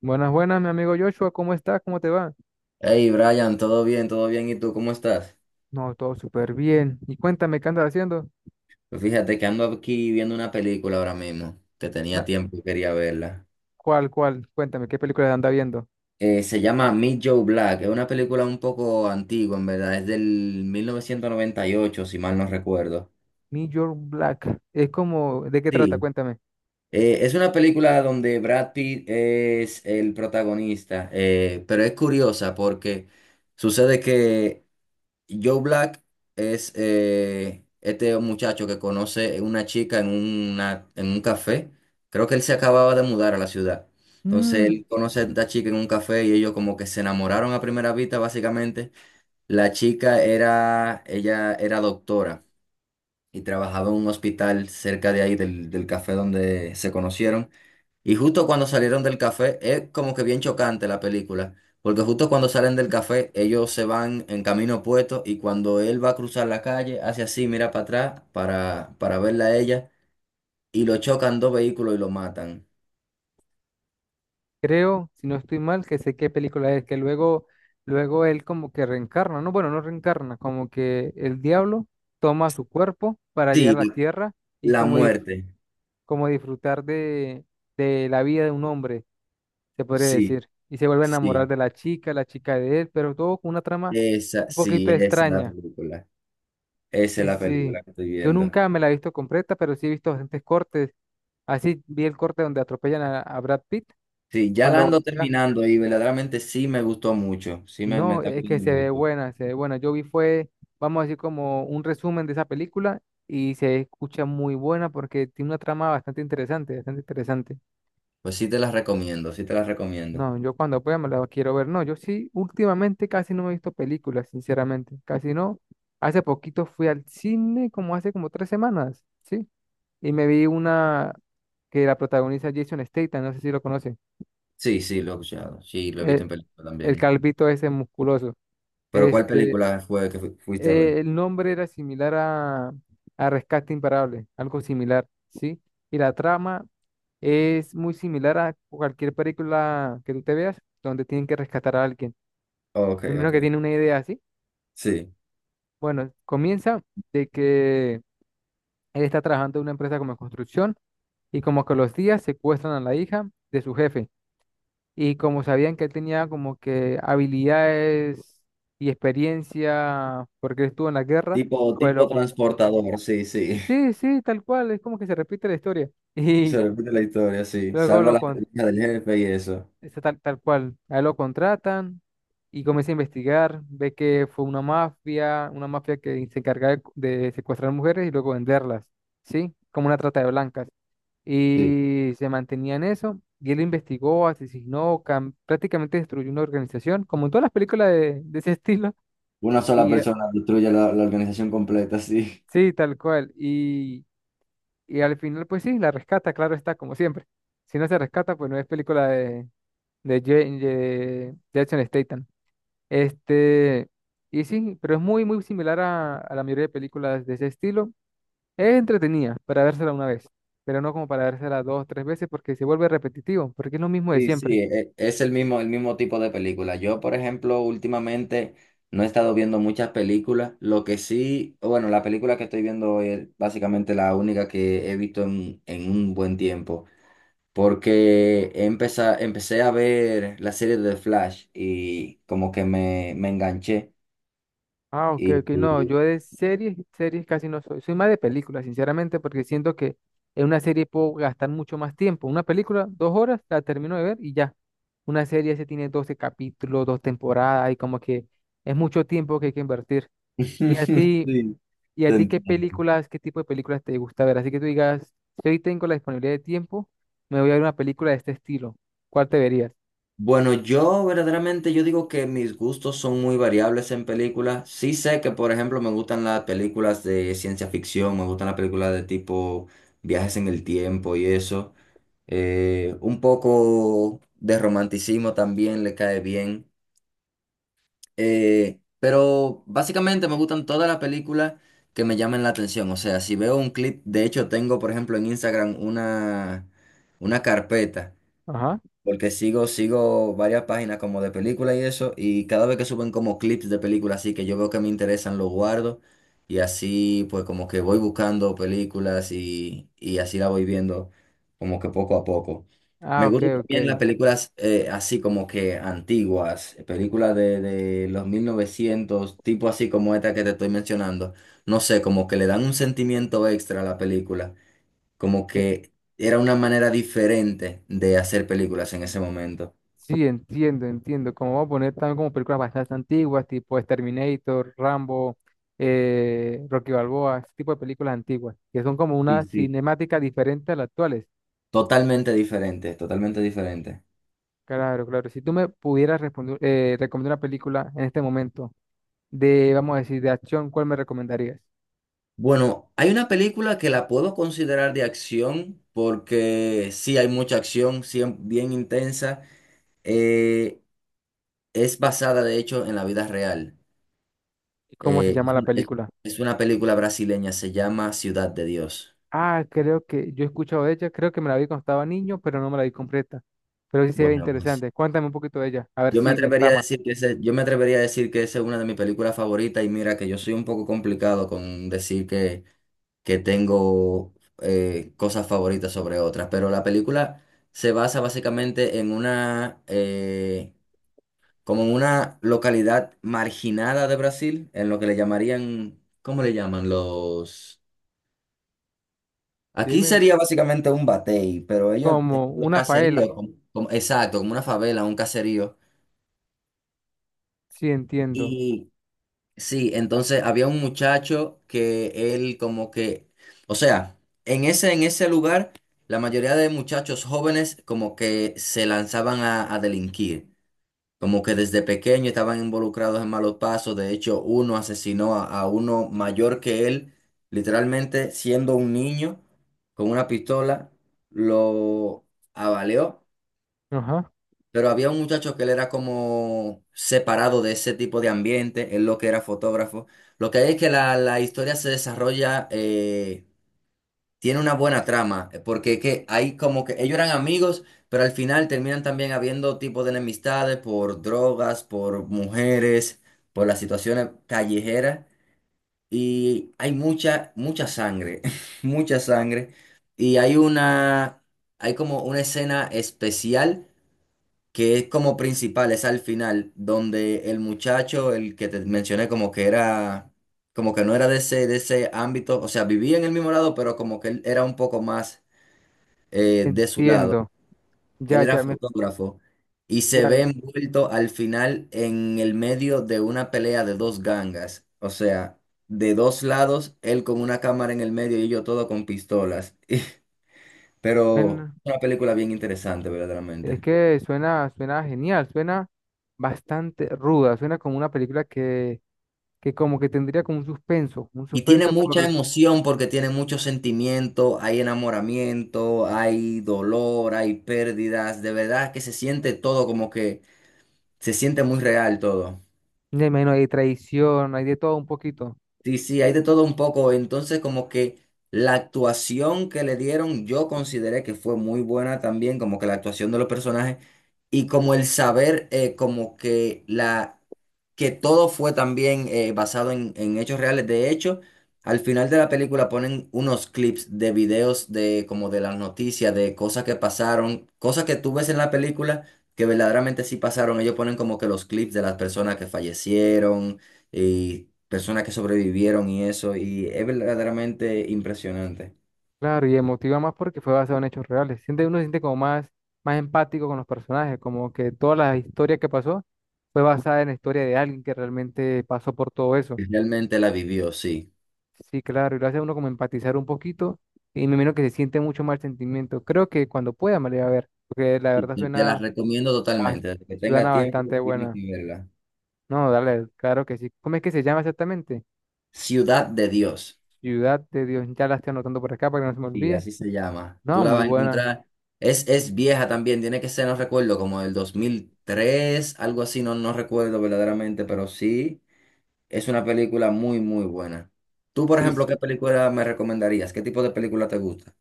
Buenas, buenas, mi amigo Joshua, ¿cómo estás? ¿Cómo te va? Hey Brian, todo bien, todo bien. ¿Y tú cómo estás? No, todo súper bien. Y cuéntame, ¿qué andas haciendo? Pues fíjate que ando aquí viendo una película ahora mismo, que tenía Na- tiempo y quería verla. ¿Cuál, cuál? Cuéntame, ¿qué película anda viendo? Se llama Meet Joe Black, es una película un poco antigua, en verdad, es del 1998, si mal no recuerdo. New York Black. Es como, ¿de qué trata? Sí, Cuéntame. Es una película donde Brad Pitt es el protagonista, pero es curiosa porque sucede que Joe Black es este muchacho que conoce una chica en un café. Creo que él se acababa de mudar a la ciudad. Entonces Mm, él conoce a esta chica en un café y ellos como que se enamoraron a primera vista, básicamente. La chica era, ella era doctora y trabajaba en un hospital cerca de ahí del café donde se conocieron. Y justo cuando salieron del café, es como que bien chocante la película, porque justo cuando salen del café, ellos se van en camino opuesto y cuando él va a cruzar la calle, hace así, mira para atrás para verla a ella y lo chocan dos vehículos y lo matan. creo, si no estoy mal, que sé qué película es, que luego él como que reencarna, ¿no? Bueno, no reencarna, como que el diablo toma su cuerpo para llegar a Sí, la tierra y la como, dif- muerte. como disfrutar de la vida de un hombre. Se podría Sí, decir. Y se vuelve a sí. enamorar de la chica de él, pero todo con una trama Esa, un poquito sí, esa es la extraña. película. Esa es Sí, la sí. película que estoy Yo viendo. nunca me la he visto completa, pero sí he visto bastantes cortes. Así vi el corte donde atropellan a Brad Pitt Sí, ya la cuando ando voltea. terminando y verdaderamente sí me gustó mucho. Sí me No, está es que gustando se ve mucho. buena, se ve buena. Yo vi fue, vamos a decir, como un resumen de esa película y se escucha muy buena porque tiene una trama bastante interesante, bastante interesante. Pues sí te las recomiendo, sí te las recomiendo. No, yo cuando pueda me la quiero ver. No, yo sí, últimamente casi no me he visto películas, sinceramente. Casi no. Hace poquito fui al cine, como hace como 3 semanas, ¿sí? Y me vi una que la protagoniza Jason Statham, no sé si lo conoce. Sí, sí, lo he escuchado. Sí, lo he visto en El, película el también. calvito ese musculoso. Pero ¿cuál Este, película fue que fuiste a eh, ver? el nombre era similar a Rescate Imparable, algo similar, ¿sí? Y la trama es muy similar a cualquier película que tú te veas, donde tienen que rescatar a alguien. Ok, Primero que ok. tiene una idea así. Sí. Bueno, comienza de que él está trabajando en una empresa como de construcción y como que los días secuestran a la hija de su jefe. Y como sabían que él tenía como que habilidades y experiencia porque él estuvo en la guerra, Tipo, pues tipo loco. transportador, sí, sí. Sí, sí, tal cual, es como que se repite la historia. Se Y repite la historia, sí. luego Salva lo, la con hija del jefe y eso. Está tal cual. A él lo contratan y comienza a investigar. Ve que fue una mafia que se encargaba de secuestrar mujeres y luego venderlas, ¿sí? Como una trata de blancas. Sí. Y se mantenía en eso. Y él investigó, asesinó, prácticamente destruyó una organización, como en todas las películas de ese estilo. Una sola Y eh, persona destruye la organización completa, sí. sí, tal cual. Y al final, pues sí, la rescata, claro está, como siempre. Si no se rescata, pues no es película de, de Jason Statham. Este, y sí, pero es muy, muy similar a la mayoría de películas de ese estilo. Es entretenida para vérsela una vez, pero no como para vérsela 2, 3 veces porque se vuelve repetitivo, porque es lo mismo de Sí, siempre. sí, es el mismo tipo de película. Yo, por ejemplo, últimamente no he estado viendo muchas películas. Lo que sí, bueno, la película que estoy viendo es básicamente la única que he visto en un buen tiempo. Porque empecé a ver la serie de Flash y como que me enganché. Ah, ok, Y, ok, no, y- yo de series casi no soy, soy más de películas, sinceramente, porque siento que en una serie puedo gastar mucho más tiempo. Una película, 2 horas, la termino de ver y ya. Una serie se tiene 12 capítulos, 2 temporadas y como que es mucho tiempo que hay que invertir. ¿Y a ti? Sí, ¿Y a te ti entiendo. Qué tipo de películas te gusta ver? Así que tú digas, si hoy tengo la disponibilidad de tiempo, me voy a ver una película de este estilo. ¿Cuál te verías? Bueno, yo verdaderamente yo digo que mis gustos son muy variables en películas. Sí sé que, por ejemplo, me gustan las películas de ciencia ficción, me gustan las películas de tipo viajes en el tiempo y eso. Un poco de romanticismo también le cae bien. Pero básicamente me gustan todas las películas que me llamen la atención. O sea, si veo un clip, de hecho tengo, por ejemplo, en Instagram una carpeta. Ajá. Porque sigo varias páginas como de películas y eso, y cada vez que suben como clips de películas así que yo veo que me interesan, los guardo, y así pues como que voy buscando películas y así la voy viendo como que poco a poco. Ah, Me ok, gustan ok. también las películas así como que antiguas, películas de los 1900 tipo así como esta que te estoy mencionando. No sé, como que le dan un sentimiento extra a la película. Como que era una manera diferente de hacer películas en ese momento. Sí, entiendo, entiendo. Como vamos a poner también como películas bastante antiguas, tipo Terminator, Rambo, Rocky Balboa, ese tipo de películas antiguas, que son como Sí, una sí. cinemática diferente a las actuales. Totalmente diferente, totalmente diferente. Claro, claro. Si tú me pudieras responder, recomendar una película en este momento de, vamos a decir, de acción, ¿cuál me recomendarías? Bueno, hay una película que la puedo considerar de acción porque sí hay mucha acción, sí, bien intensa. Eh, es basada, de hecho, en la vida real. ¿Cómo se Eh, llama es, la una es- película? es una película brasileña, se llama Ciudad de Dios. Ah, creo que yo he escuchado de ella, creo que me la vi cuando estaba niño, pero no me la vi completa. Pero sí se ve Bueno, pues interesante. Cuéntame un poquito de ella, a ver yo me si me atrevería a trama. decir que ese, yo me atrevería a decir que esa es una de mis películas favoritas y mira que yo soy un poco complicado con decir que tengo cosas favoritas sobre otras, pero la película se basa básicamente en una, como en una localidad marginada de Brasil, en lo que le llamarían, ¿cómo le llaman? Los... Aquí Dime, sería básicamente un batey, pero ellos, como los una faela. caseríos, exacto, como una favela, un caserío. Sí, entiendo. Y sí, entonces había un muchacho que él como que, o sea, en ese lugar, la mayoría de muchachos jóvenes como que se lanzaban a delinquir, como que desde pequeño estaban involucrados en malos pasos, de hecho uno asesinó a uno mayor que él, literalmente siendo un niño con una pistola, lo avaleó. Ajá. Pero había un muchacho que él era como separado de ese tipo de ambiente, él lo que era fotógrafo. Lo que hay es que la historia se desarrolla, tiene una buena trama, porque es que hay como que ellos eran amigos, pero al final terminan también habiendo tipo de enemistades por drogas, por mujeres, por las situaciones callejeras. Y hay mucha, mucha sangre, mucha sangre. Y hay hay como una escena especial que es como principal, es al final, donde el muchacho, el que te mencioné, como que era, como que no era de ese ámbito, o sea, vivía en el mismo lado, pero como que él era un poco más de su lado. Entiendo. Él Ya, era ya me, fotógrafo y se ya, ve envuelto al final en el medio de una pelea de dos gangas, o sea, de dos lados, él con una cámara en el medio y yo todo con pistolas. Pero suena- una película bien interesante, es verdaderamente. que suena genial, suena bastante ruda, suena como una película que como que tendría como un suspenso, un Y tiene suspenso mucha por, emoción porque tiene mucho sentimiento, hay enamoramiento, hay dolor, hay pérdidas, de verdad que se siente todo como que se siente muy real todo. Ya me imagino, hay traición, hay de todo un poquito. Sí, sí, hay de todo un poco. Entonces, como que la actuación que le dieron, yo consideré que fue muy buena también, como que la actuación de los personajes y como el saber, como que la que todo fue también basado en hechos reales. De hecho, al final de la película ponen unos clips de videos de como de las noticias, de cosas que pasaron, cosas que tú ves en la película que verdaderamente sí pasaron. Ellos ponen como que los clips de las personas que fallecieron y personas que sobrevivieron y eso, y es verdaderamente impresionante. Claro, y emotiva más porque fue basado en hechos reales. Siente, uno se siente como más empático con los personajes, como que toda la historia que pasó fue basada en la historia de alguien que realmente pasó por todo eso. Realmente la vivió, sí. Sí, claro, y lo hace a uno como empatizar un poquito y me imagino que se siente mucho más el sentimiento. Creo que cuando pueda me la voy a ver, porque la Y verdad Te, te la recomiendo bas- totalmente. Desde que tenga suena tiempo, bastante tienes buena. que verla. No, dale, claro que sí. ¿Cómo es que se llama exactamente? Ciudad de Dios, Ciudad de Dios, ya la estoy anotando por acá para que no se me sí olvide. así se llama. Tú No, la muy vas a buena. encontrar. Es vieja también, tiene que ser, no recuerdo, como del 2003 algo así, no, no recuerdo verdaderamente, pero sí, es una película muy, muy buena. Tú, por Sí, ejemplo, ¿qué película me recomendarías? ¿Qué tipo de película te gusta?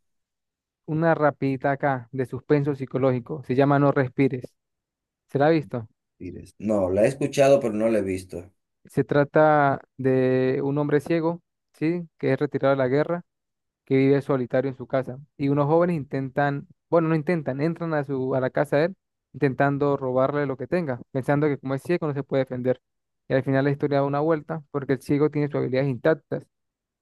una rapidita acá de suspenso psicológico. Se llama No respires. ¿Se la ha visto? Pires. No, la he escuchado, pero no la he visto. Se trata de un hombre ciego, ¿sí? Que es retirado de la guerra, que vive solitario en su casa. Y unos jóvenes intentan, bueno, no intentan, entran a la casa de él, intentando robarle lo que tenga, pensando que como es ciego no se puede defender. Y al final la historia da una vuelta, porque el ciego tiene sus habilidades intactas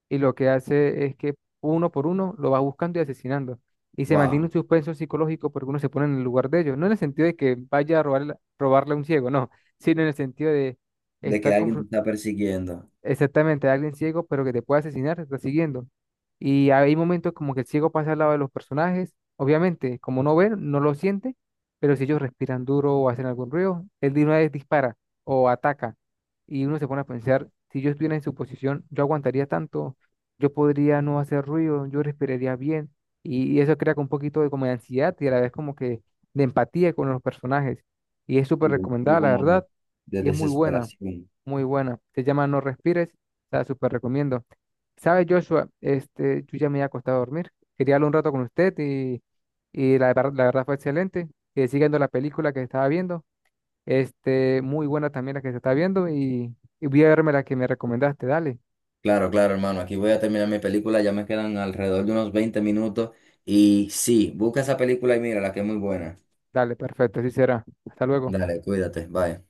y lo que hace es que uno por uno lo va buscando y asesinando. Y se mantiene Wow, un suspenso psicológico porque uno se pone en el lugar de ellos. No en el sentido de que vaya a robarle a un ciego, no, sino en el sentido de de que estar alguien te confron- está persiguiendo. Exactamente, alguien ciego, pero que te puede asesinar, te está siguiendo. Y hay momentos como que el ciego pasa al lado de los personajes. Obviamente, como no ven, no lo siente, pero si ellos respiran duro o hacen algún ruido, él de una vez dispara o ataca. Y uno se pone a pensar, si yo estuviera en su posición, yo aguantaría tanto, yo podría no hacer ruido, yo respiraría bien. Y eso crea como un poquito de como de ansiedad y a la vez como que de empatía con los personajes. Y es Sí, súper un poco recomendada, la como de, verdad, de y es muy buena. desesperación. Muy buena. Se llama No respires. La súper recomiendo. ¿Sabe, Joshua? Yo ya me había acostado a dormir. Quería hablar un rato con usted y la verdad fue excelente. Siguiendo la película que estaba viendo. Muy buena también la que se está viendo y voy a verme la que me recomendaste. Dale, Claro, claro, hermano. Aquí voy a terminar mi película. Ya me quedan alrededor de unos 20 minutos. Y sí, busca esa película y mírala, que es muy buena. dale, perfecto, así será. Hasta luego. Dale, cuídate. Bye.